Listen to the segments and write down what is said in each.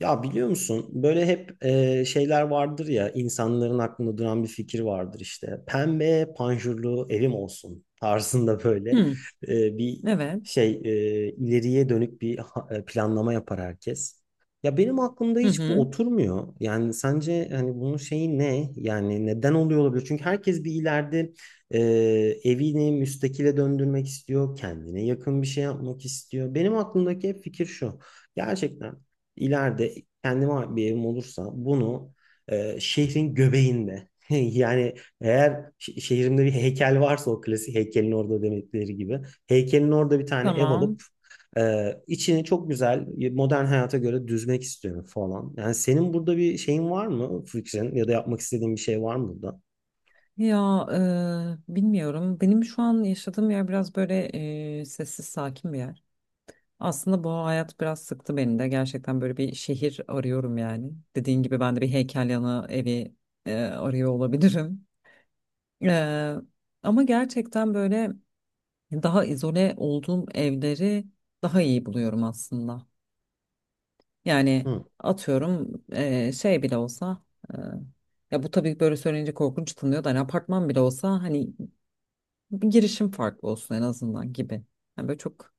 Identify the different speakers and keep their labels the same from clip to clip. Speaker 1: Ya biliyor musun böyle hep şeyler vardır ya insanların aklında duran bir fikir vardır işte. Pembe panjurlu evim olsun tarzında böyle
Speaker 2: Hı,
Speaker 1: bir
Speaker 2: evet.
Speaker 1: şey ileriye dönük bir planlama yapar herkes. Ya benim aklımda
Speaker 2: Hı
Speaker 1: hiç bu
Speaker 2: hı.
Speaker 1: oturmuyor. Yani sence hani bunun şeyi ne? Yani neden oluyor olabilir? Çünkü herkes bir ileride e, evini müstakile döndürmek istiyor, kendine yakın bir şey yapmak istiyor. Benim aklımdaki hep fikir şu. Gerçekten ileride kendime bir evim olursa bunu şehrin göbeğinde yani eğer şehrimde bir heykel varsa o klasik heykelin orada demekleri gibi heykelin orada bir tane ev
Speaker 2: Tamam.
Speaker 1: alıp içini çok güzel modern hayata göre düzmek istiyorum falan. Yani senin burada bir şeyin var mı fikrin ya da yapmak istediğin bir şey var mı burada?
Speaker 2: Ya bilmiyorum. Benim şu an yaşadığım yer biraz böyle sessiz, sakin bir yer. Aslında bu hayat biraz sıktı beni de. Gerçekten böyle bir şehir arıyorum yani. Dediğin gibi ben de bir heykel yanı evi arıyor olabilirim. E, ama gerçekten böyle daha izole olduğum evleri daha iyi buluyorum aslında. Yani
Speaker 1: Hı,
Speaker 2: atıyorum şey bile olsa eee, ya bu tabii böyle söyleyince korkunç tınlıyor da hani apartman bile olsa hani bir girişim farklı olsun en azından gibi. Yani böyle çok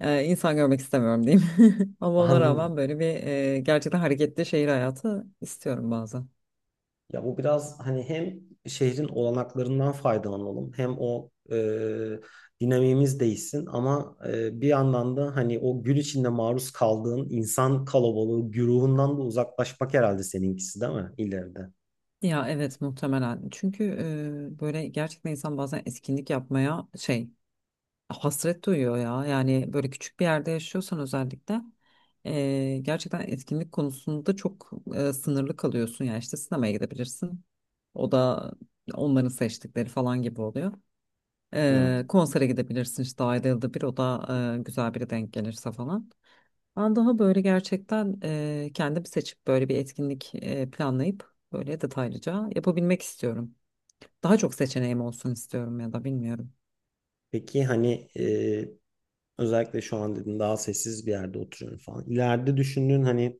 Speaker 2: insan görmek istemiyorum diyeyim. Ama ona rağmen
Speaker 1: anladım.
Speaker 2: böyle bir gerçekten hareketli şehir hayatı istiyorum bazen.
Speaker 1: Ya bu biraz hani hem şehrin olanaklarından faydalanalım hem o dinamiğimiz değişsin ama bir yandan da hani o gün içinde maruz kaldığın insan kalabalığı güruhundan da uzaklaşmak herhalde seninkisi değil mi ileride?
Speaker 2: Ya evet muhtemelen. Çünkü böyle gerçekten insan bazen etkinlik yapmaya şey hasret duyuyor ya. Yani böyle küçük bir yerde yaşıyorsan özellikle gerçekten etkinlik konusunda çok sınırlı kalıyorsun. Yani işte sinemaya gidebilirsin. O da onların seçtikleri falan gibi oluyor.
Speaker 1: Evet.
Speaker 2: Konsere gidebilirsin işte ayda yılda bir o da güzel biri denk gelirse falan. Ben daha böyle gerçekten kendim seçip böyle bir etkinlik planlayıp böyle detaylıca yapabilmek istiyorum. Daha çok seçeneğim olsun istiyorum ya da bilmiyorum.
Speaker 1: Peki hani özellikle şu an dedin daha sessiz bir yerde oturuyorum falan. İleride düşündüğün hani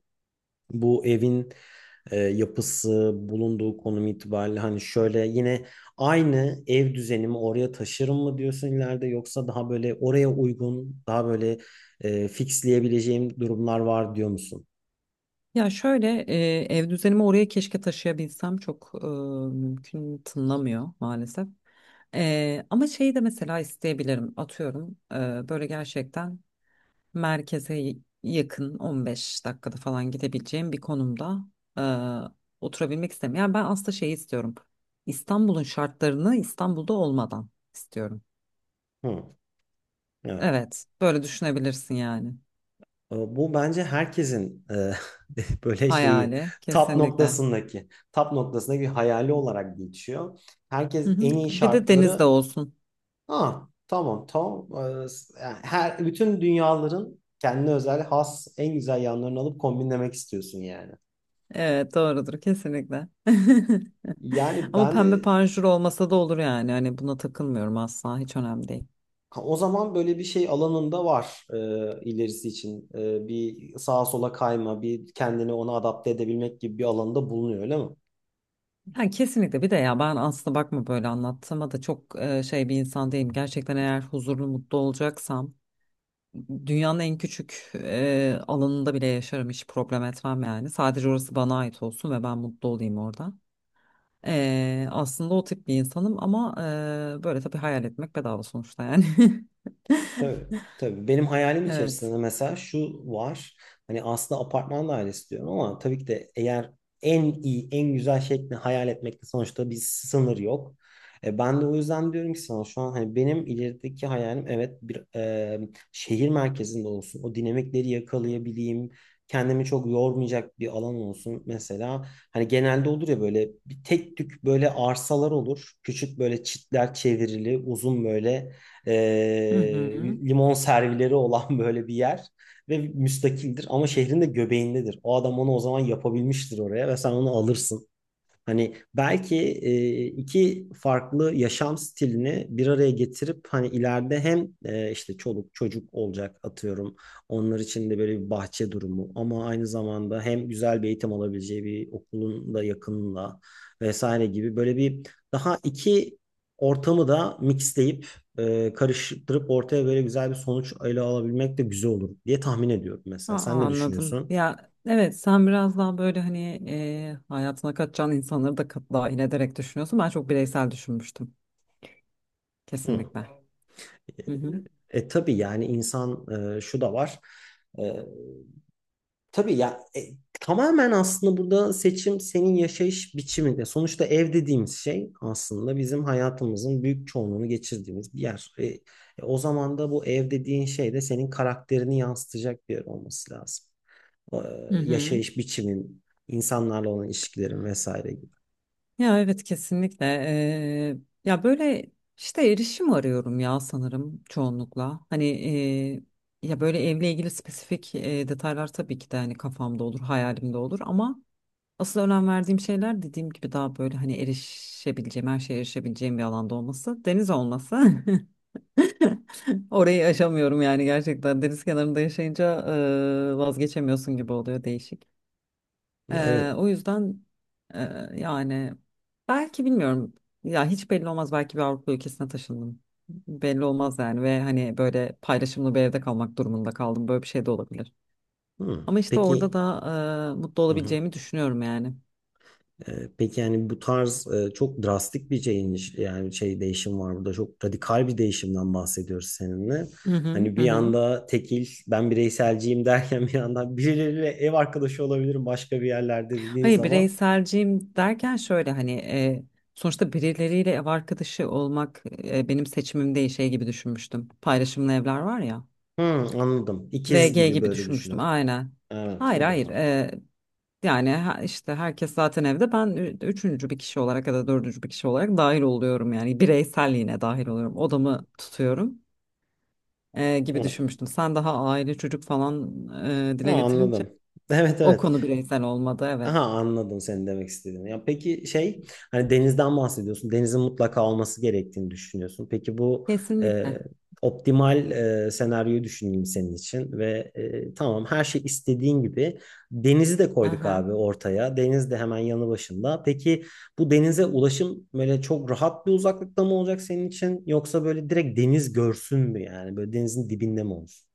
Speaker 1: bu evin yapısı, bulunduğu konum itibariyle hani şöyle yine aynı ev düzenimi oraya taşırım mı diyorsun ileride yoksa daha böyle oraya uygun, daha böyle fixleyebileceğim durumlar var diyor musun?
Speaker 2: Ya şöyle ev düzenimi oraya keşke taşıyabilsem çok mümkün tınlamıyor maalesef. Ama şeyi de mesela isteyebilirim atıyorum böyle gerçekten. Merkeze yakın 15 dakikada falan gidebileceğim bir konumda e, oturabilmek istemiyorum. Yani ben aslında şey istiyorum. İstanbul'un şartlarını İstanbul'da olmadan istiyorum.
Speaker 1: Hı, evet.
Speaker 2: Evet, böyle düşünebilirsin yani.
Speaker 1: Bu bence herkesin böyle şeyi
Speaker 2: Hayali
Speaker 1: tap
Speaker 2: kesinlikle.
Speaker 1: noktasındaki tap noktasındaki bir hayali olarak geçiyor.
Speaker 2: Hı
Speaker 1: Herkes
Speaker 2: hı.
Speaker 1: en iyi
Speaker 2: Bir de deniz de
Speaker 1: şartları.
Speaker 2: olsun.
Speaker 1: Ha, tamam tamam. Yani her bütün dünyaların kendine özel has en güzel yanlarını alıp kombinlemek istiyorsun yani.
Speaker 2: Evet, doğrudur kesinlikle.
Speaker 1: Yani
Speaker 2: Ama
Speaker 1: ben
Speaker 2: pembe
Speaker 1: de
Speaker 2: panjur olmasa da olur yani. Hani buna takılmıyorum asla, hiç önemli değil.
Speaker 1: ha, o zaman böyle bir şey alanında var ilerisi için. Bir sağa sola kayma, bir kendini ona adapte edebilmek gibi bir alanda bulunuyor öyle mi?
Speaker 2: Ha, kesinlikle bir de ya ben aslında bakma böyle anlattığıma da çok şey bir insan değilim. Gerçekten eğer huzurlu mutlu olacaksam dünyanın en küçük alanında bile yaşarım hiç problem etmem yani. Sadece orası bana ait olsun ve ben mutlu olayım orada. Aslında o tip bir insanım ama böyle tabii hayal etmek bedava sonuçta yani.
Speaker 1: Tabii, tabii. Benim hayalim
Speaker 2: Evet.
Speaker 1: içerisinde mesela şu var. Hani aslında apartman dairesi diyorum ama tabii ki de eğer en iyi, en güzel şekli hayal etmekte sonuçta bir sınır yok. Ben de o yüzden diyorum ki sana şu an hani benim ilerideki hayalim evet bir şehir merkezinde olsun. O dinamikleri yakalayabileyim. Kendimi çok yormayacak bir alan olsun. Mesela hani genelde olur ya böyle bir tek tük böyle arsalar olur. Küçük böyle çitler çevrili, uzun böyle
Speaker 2: Hı hı.
Speaker 1: limon servileri olan böyle bir yer ve müstakildir ama şehrin de göbeğindedir. O adam onu o zaman yapabilmiştir oraya ve sen onu alırsın. Hani belki iki farklı yaşam stilini bir araya getirip hani ileride hem işte çoluk çocuk olacak atıyorum. Onlar için de böyle bir bahçe durumu ama aynı zamanda hem güzel bir eğitim alabileceği bir okulun da yakınında vesaire gibi böyle bir daha iki ortamı da mixleyip karıştırıp ortaya böyle güzel bir sonuç ele alabilmek de güzel olur diye tahmin ediyorum
Speaker 2: Aa,
Speaker 1: mesela. Sen ne
Speaker 2: anladım.
Speaker 1: düşünüyorsun?
Speaker 2: Ya evet sen biraz daha böyle hani hayatına katacağın insanları da dahil ederek düşünüyorsun. Ben çok bireysel düşünmüştüm.
Speaker 1: Hı.
Speaker 2: Kesinlikle. Hı hı.
Speaker 1: Tabii yani insan şu da var. E, tabii ya tamamen aslında burada seçim senin yaşayış biçiminde. Sonuçta ev dediğimiz şey aslında bizim hayatımızın büyük çoğunluğunu geçirdiğimiz bir yer. O zaman da bu ev dediğin şey de senin karakterini yansıtacak bir yer olması lazım. E,
Speaker 2: Hı hı.
Speaker 1: yaşayış biçimin, insanlarla olan ilişkilerin vesaire gibi.
Speaker 2: Ya evet kesinlikle. Ya böyle işte erişim arıyorum ya sanırım çoğunlukla. Hani ya böyle evle ilgili spesifik detaylar tabii ki de hani kafamda olur, hayalimde olur ama asıl önem verdiğim şeyler dediğim gibi daha böyle hani erişebileceğim, her şeye erişebileceğim bir alanda olması, deniz olması. Orayı aşamıyorum yani gerçekten deniz kenarında yaşayınca vazgeçemiyorsun gibi oluyor değişik.
Speaker 1: Ya
Speaker 2: E,
Speaker 1: evet.
Speaker 2: o yüzden e, yani belki bilmiyorum ya hiç belli olmaz belki bir Avrupa ülkesine taşındım. Belli olmaz yani ve hani böyle paylaşımlı bir evde kalmak durumunda kaldım böyle bir şey de olabilir.
Speaker 1: Hmm.
Speaker 2: Ama işte orada
Speaker 1: Peki.
Speaker 2: da mutlu
Speaker 1: Hı hı.
Speaker 2: olabileceğimi düşünüyorum yani.
Speaker 1: Peki yani bu tarz çok drastik bir change yani şey değişim var burada çok radikal bir değişimden bahsediyoruz seninle.
Speaker 2: Hı hı
Speaker 1: Hani
Speaker 2: hı.
Speaker 1: bir
Speaker 2: Hı.
Speaker 1: yanda tekil ben bireyselciyim derken bir yandan birileriyle ev arkadaşı olabilirim başka bir yerlerde dediğin
Speaker 2: Hayır
Speaker 1: zaman
Speaker 2: bireyselciyim derken şöyle hani sonuçta birileriyle ev arkadaşı olmak benim seçimim değil şey gibi düşünmüştüm. Paylaşımlı evler var ya.
Speaker 1: Hı, anladım ikiz
Speaker 2: VG
Speaker 1: gibi
Speaker 2: gibi
Speaker 1: böyle
Speaker 2: düşünmüştüm
Speaker 1: düşünün.
Speaker 2: aynen.
Speaker 1: Evet
Speaker 2: Hayır
Speaker 1: o da
Speaker 2: hayır
Speaker 1: var.
Speaker 2: yani işte herkes zaten evde ben üçüncü bir kişi olarak ya da dördüncü bir kişi olarak dahil oluyorum yani bireyselliğine dahil oluyorum odamı tutuyorum gibi
Speaker 1: Evet.
Speaker 2: düşünmüştüm. Sen daha aile çocuk falan
Speaker 1: Ha,
Speaker 2: dile getirince
Speaker 1: anladım. Evet
Speaker 2: o konu
Speaker 1: evet.
Speaker 2: bireysel olmadı evet.
Speaker 1: Aha anladım senin demek istediğini. Ya peki şey hani denizden bahsediyorsun. Denizin mutlaka olması gerektiğini düşünüyorsun. Peki bu e,
Speaker 2: Kesinlikle.
Speaker 1: optimal senaryoyu düşüneyim senin için ve tamam her şey istediğin gibi denizi de koyduk
Speaker 2: Aha.
Speaker 1: abi ortaya. Deniz de hemen yanı başında. Peki bu denize ulaşım böyle çok rahat bir uzaklıkta mı olacak senin için yoksa böyle direkt deniz görsün mü yani böyle denizin dibinde mi olsun?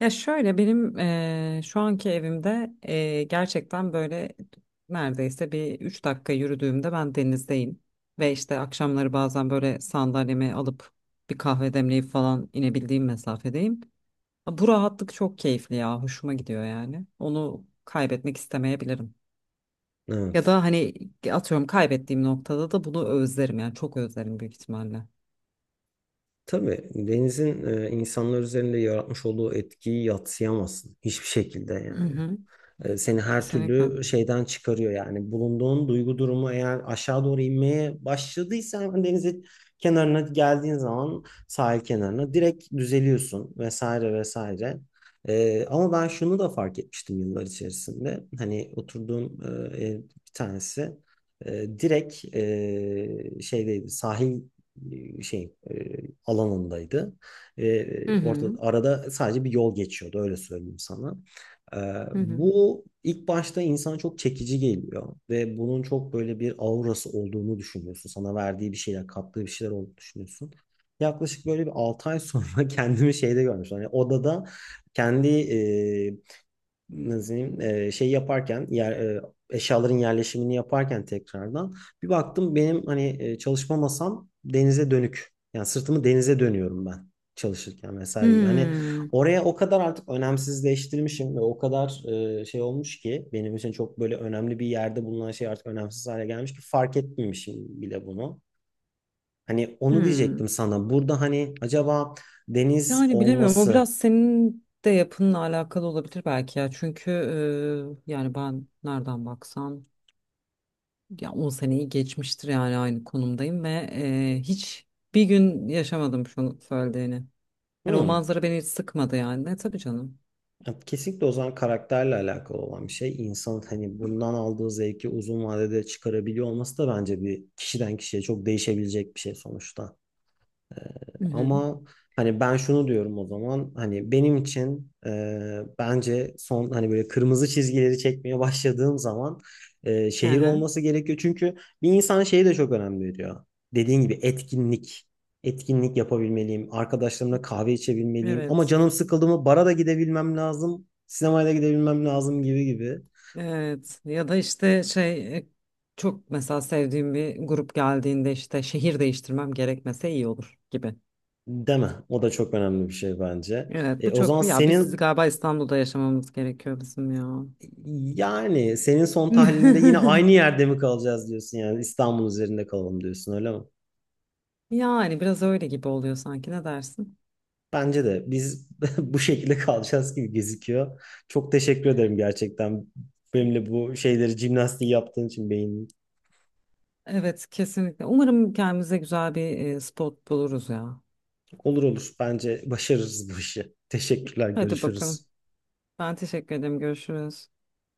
Speaker 2: Ya şöyle benim şu anki evimde gerçekten böyle neredeyse bir 3 dakika yürüdüğümde ben denizdeyim. Ve işte akşamları bazen böyle sandalyemi alıp bir kahve demleyip falan inebildiğim mesafedeyim. Ha, bu rahatlık çok keyifli ya hoşuma gidiyor yani. Onu kaybetmek istemeyebilirim. Ya
Speaker 1: Evet.
Speaker 2: da hani atıyorum kaybettiğim noktada da bunu özlerim yani çok özlerim büyük ihtimalle.
Speaker 1: Tabii denizin insanlar üzerinde yaratmış olduğu etkiyi yadsıyamazsın hiçbir şekilde
Speaker 2: Hı
Speaker 1: yani
Speaker 2: hı,
Speaker 1: seni her
Speaker 2: kesinlikle.
Speaker 1: türlü şeyden çıkarıyor yani. Bulunduğun duygu durumu eğer aşağı doğru inmeye başladıysa hemen denizin kenarına geldiğin zaman sahil kenarına direkt düzeliyorsun vesaire vesaire. Ama ben şunu da fark etmiştim yıllar içerisinde. Hani oturduğum ev bir tanesi direkt şeydeydi sahil şey alanındaydı. E,
Speaker 2: Hı
Speaker 1: orada
Speaker 2: hı,
Speaker 1: arada sadece bir yol geçiyordu öyle söyleyeyim sana. Ee,
Speaker 2: hı hı.
Speaker 1: bu ilk başta insana çok çekici geliyor ve bunun çok böyle bir aurası olduğunu düşünüyorsun. Sana verdiği bir şeyler, kattığı bir şeyler olduğunu düşünüyorsun. Yaklaşık böyle bir 6 ay sonra kendimi şeyde görmüştüm. Hani odada kendi nasıl diyeyim, şey yaparken yer, eşyaların yerleşimini yaparken tekrardan bir baktım benim hani çalışma masam denize dönük. Yani sırtımı denize dönüyorum ben çalışırken vesaire gibi. Hani
Speaker 2: Hmm,
Speaker 1: oraya o kadar artık önemsizleştirmişim ve o kadar şey olmuş ki benim için çok böyle önemli bir yerde bulunan şey artık önemsiz hale gelmiş ki fark etmemişim bile bunu. Hani onu
Speaker 2: hmm.
Speaker 1: diyecektim sana. Burada hani acaba deniz
Speaker 2: Yani bilemiyorum o
Speaker 1: olması.
Speaker 2: biraz senin de yapınla alakalı olabilir belki ya çünkü yani ben nereden baksam ya 10 seneyi geçmiştir yani aynı konumdayım ve hiç bir gün yaşamadım şunu söylediğini. Hani o
Speaker 1: Hmm.
Speaker 2: manzara beni hiç sıkmadı yani ne tabii canım.
Speaker 1: Ya kesinlikle o zaman karakterle alakalı olan bir şey. İnsanın hani bundan aldığı zevki uzun vadede çıkarabiliyor olması da bence bir kişiden kişiye çok değişebilecek bir şey sonuçta.
Speaker 2: Hı hı.
Speaker 1: Ama hani ben şunu diyorum o zaman hani benim için bence son hani böyle kırmızı çizgileri çekmeye başladığım zaman
Speaker 2: Hı
Speaker 1: şehir
Speaker 2: hı.
Speaker 1: olması gerekiyor. Çünkü bir insan şeyi de çok önem veriyor. Dediğin gibi etkinlik. Etkinlik yapabilmeliyim. Arkadaşlarımla kahve içebilmeliyim. Ama
Speaker 2: Evet.
Speaker 1: canım sıkıldı mı bara da gidebilmem lazım. Sinemaya da gidebilmem lazım gibi gibi.
Speaker 2: Evet ya da işte şey çok mesela sevdiğim bir grup geldiğinde işte şehir değiştirmem gerekmese iyi olur gibi.
Speaker 1: Deme. O da çok önemli bir şey bence.
Speaker 2: Evet
Speaker 1: E,
Speaker 2: bu
Speaker 1: o
Speaker 2: çok
Speaker 1: zaman
Speaker 2: ya biz
Speaker 1: senin
Speaker 2: galiba İstanbul'da yaşamamız gerekiyor bizim ya.
Speaker 1: Yani senin son tahlilinde yine aynı yerde mi kalacağız diyorsun yani İstanbul üzerinde kalalım diyorsun öyle mi?
Speaker 2: Yani biraz öyle gibi oluyor sanki ne dersin?
Speaker 1: Bence de biz bu şekilde kalacağız gibi gözüküyor. Çok teşekkür ederim gerçekten benimle bu şeyleri jimnastiği yaptığın için beynin.
Speaker 2: Evet kesinlikle. Umarım kendimize güzel bir spot buluruz ya.
Speaker 1: Olur olur bence başarırız bu işi. Teşekkürler
Speaker 2: Hadi bakalım.
Speaker 1: görüşürüz.
Speaker 2: Ben teşekkür ederim. Görüşürüz.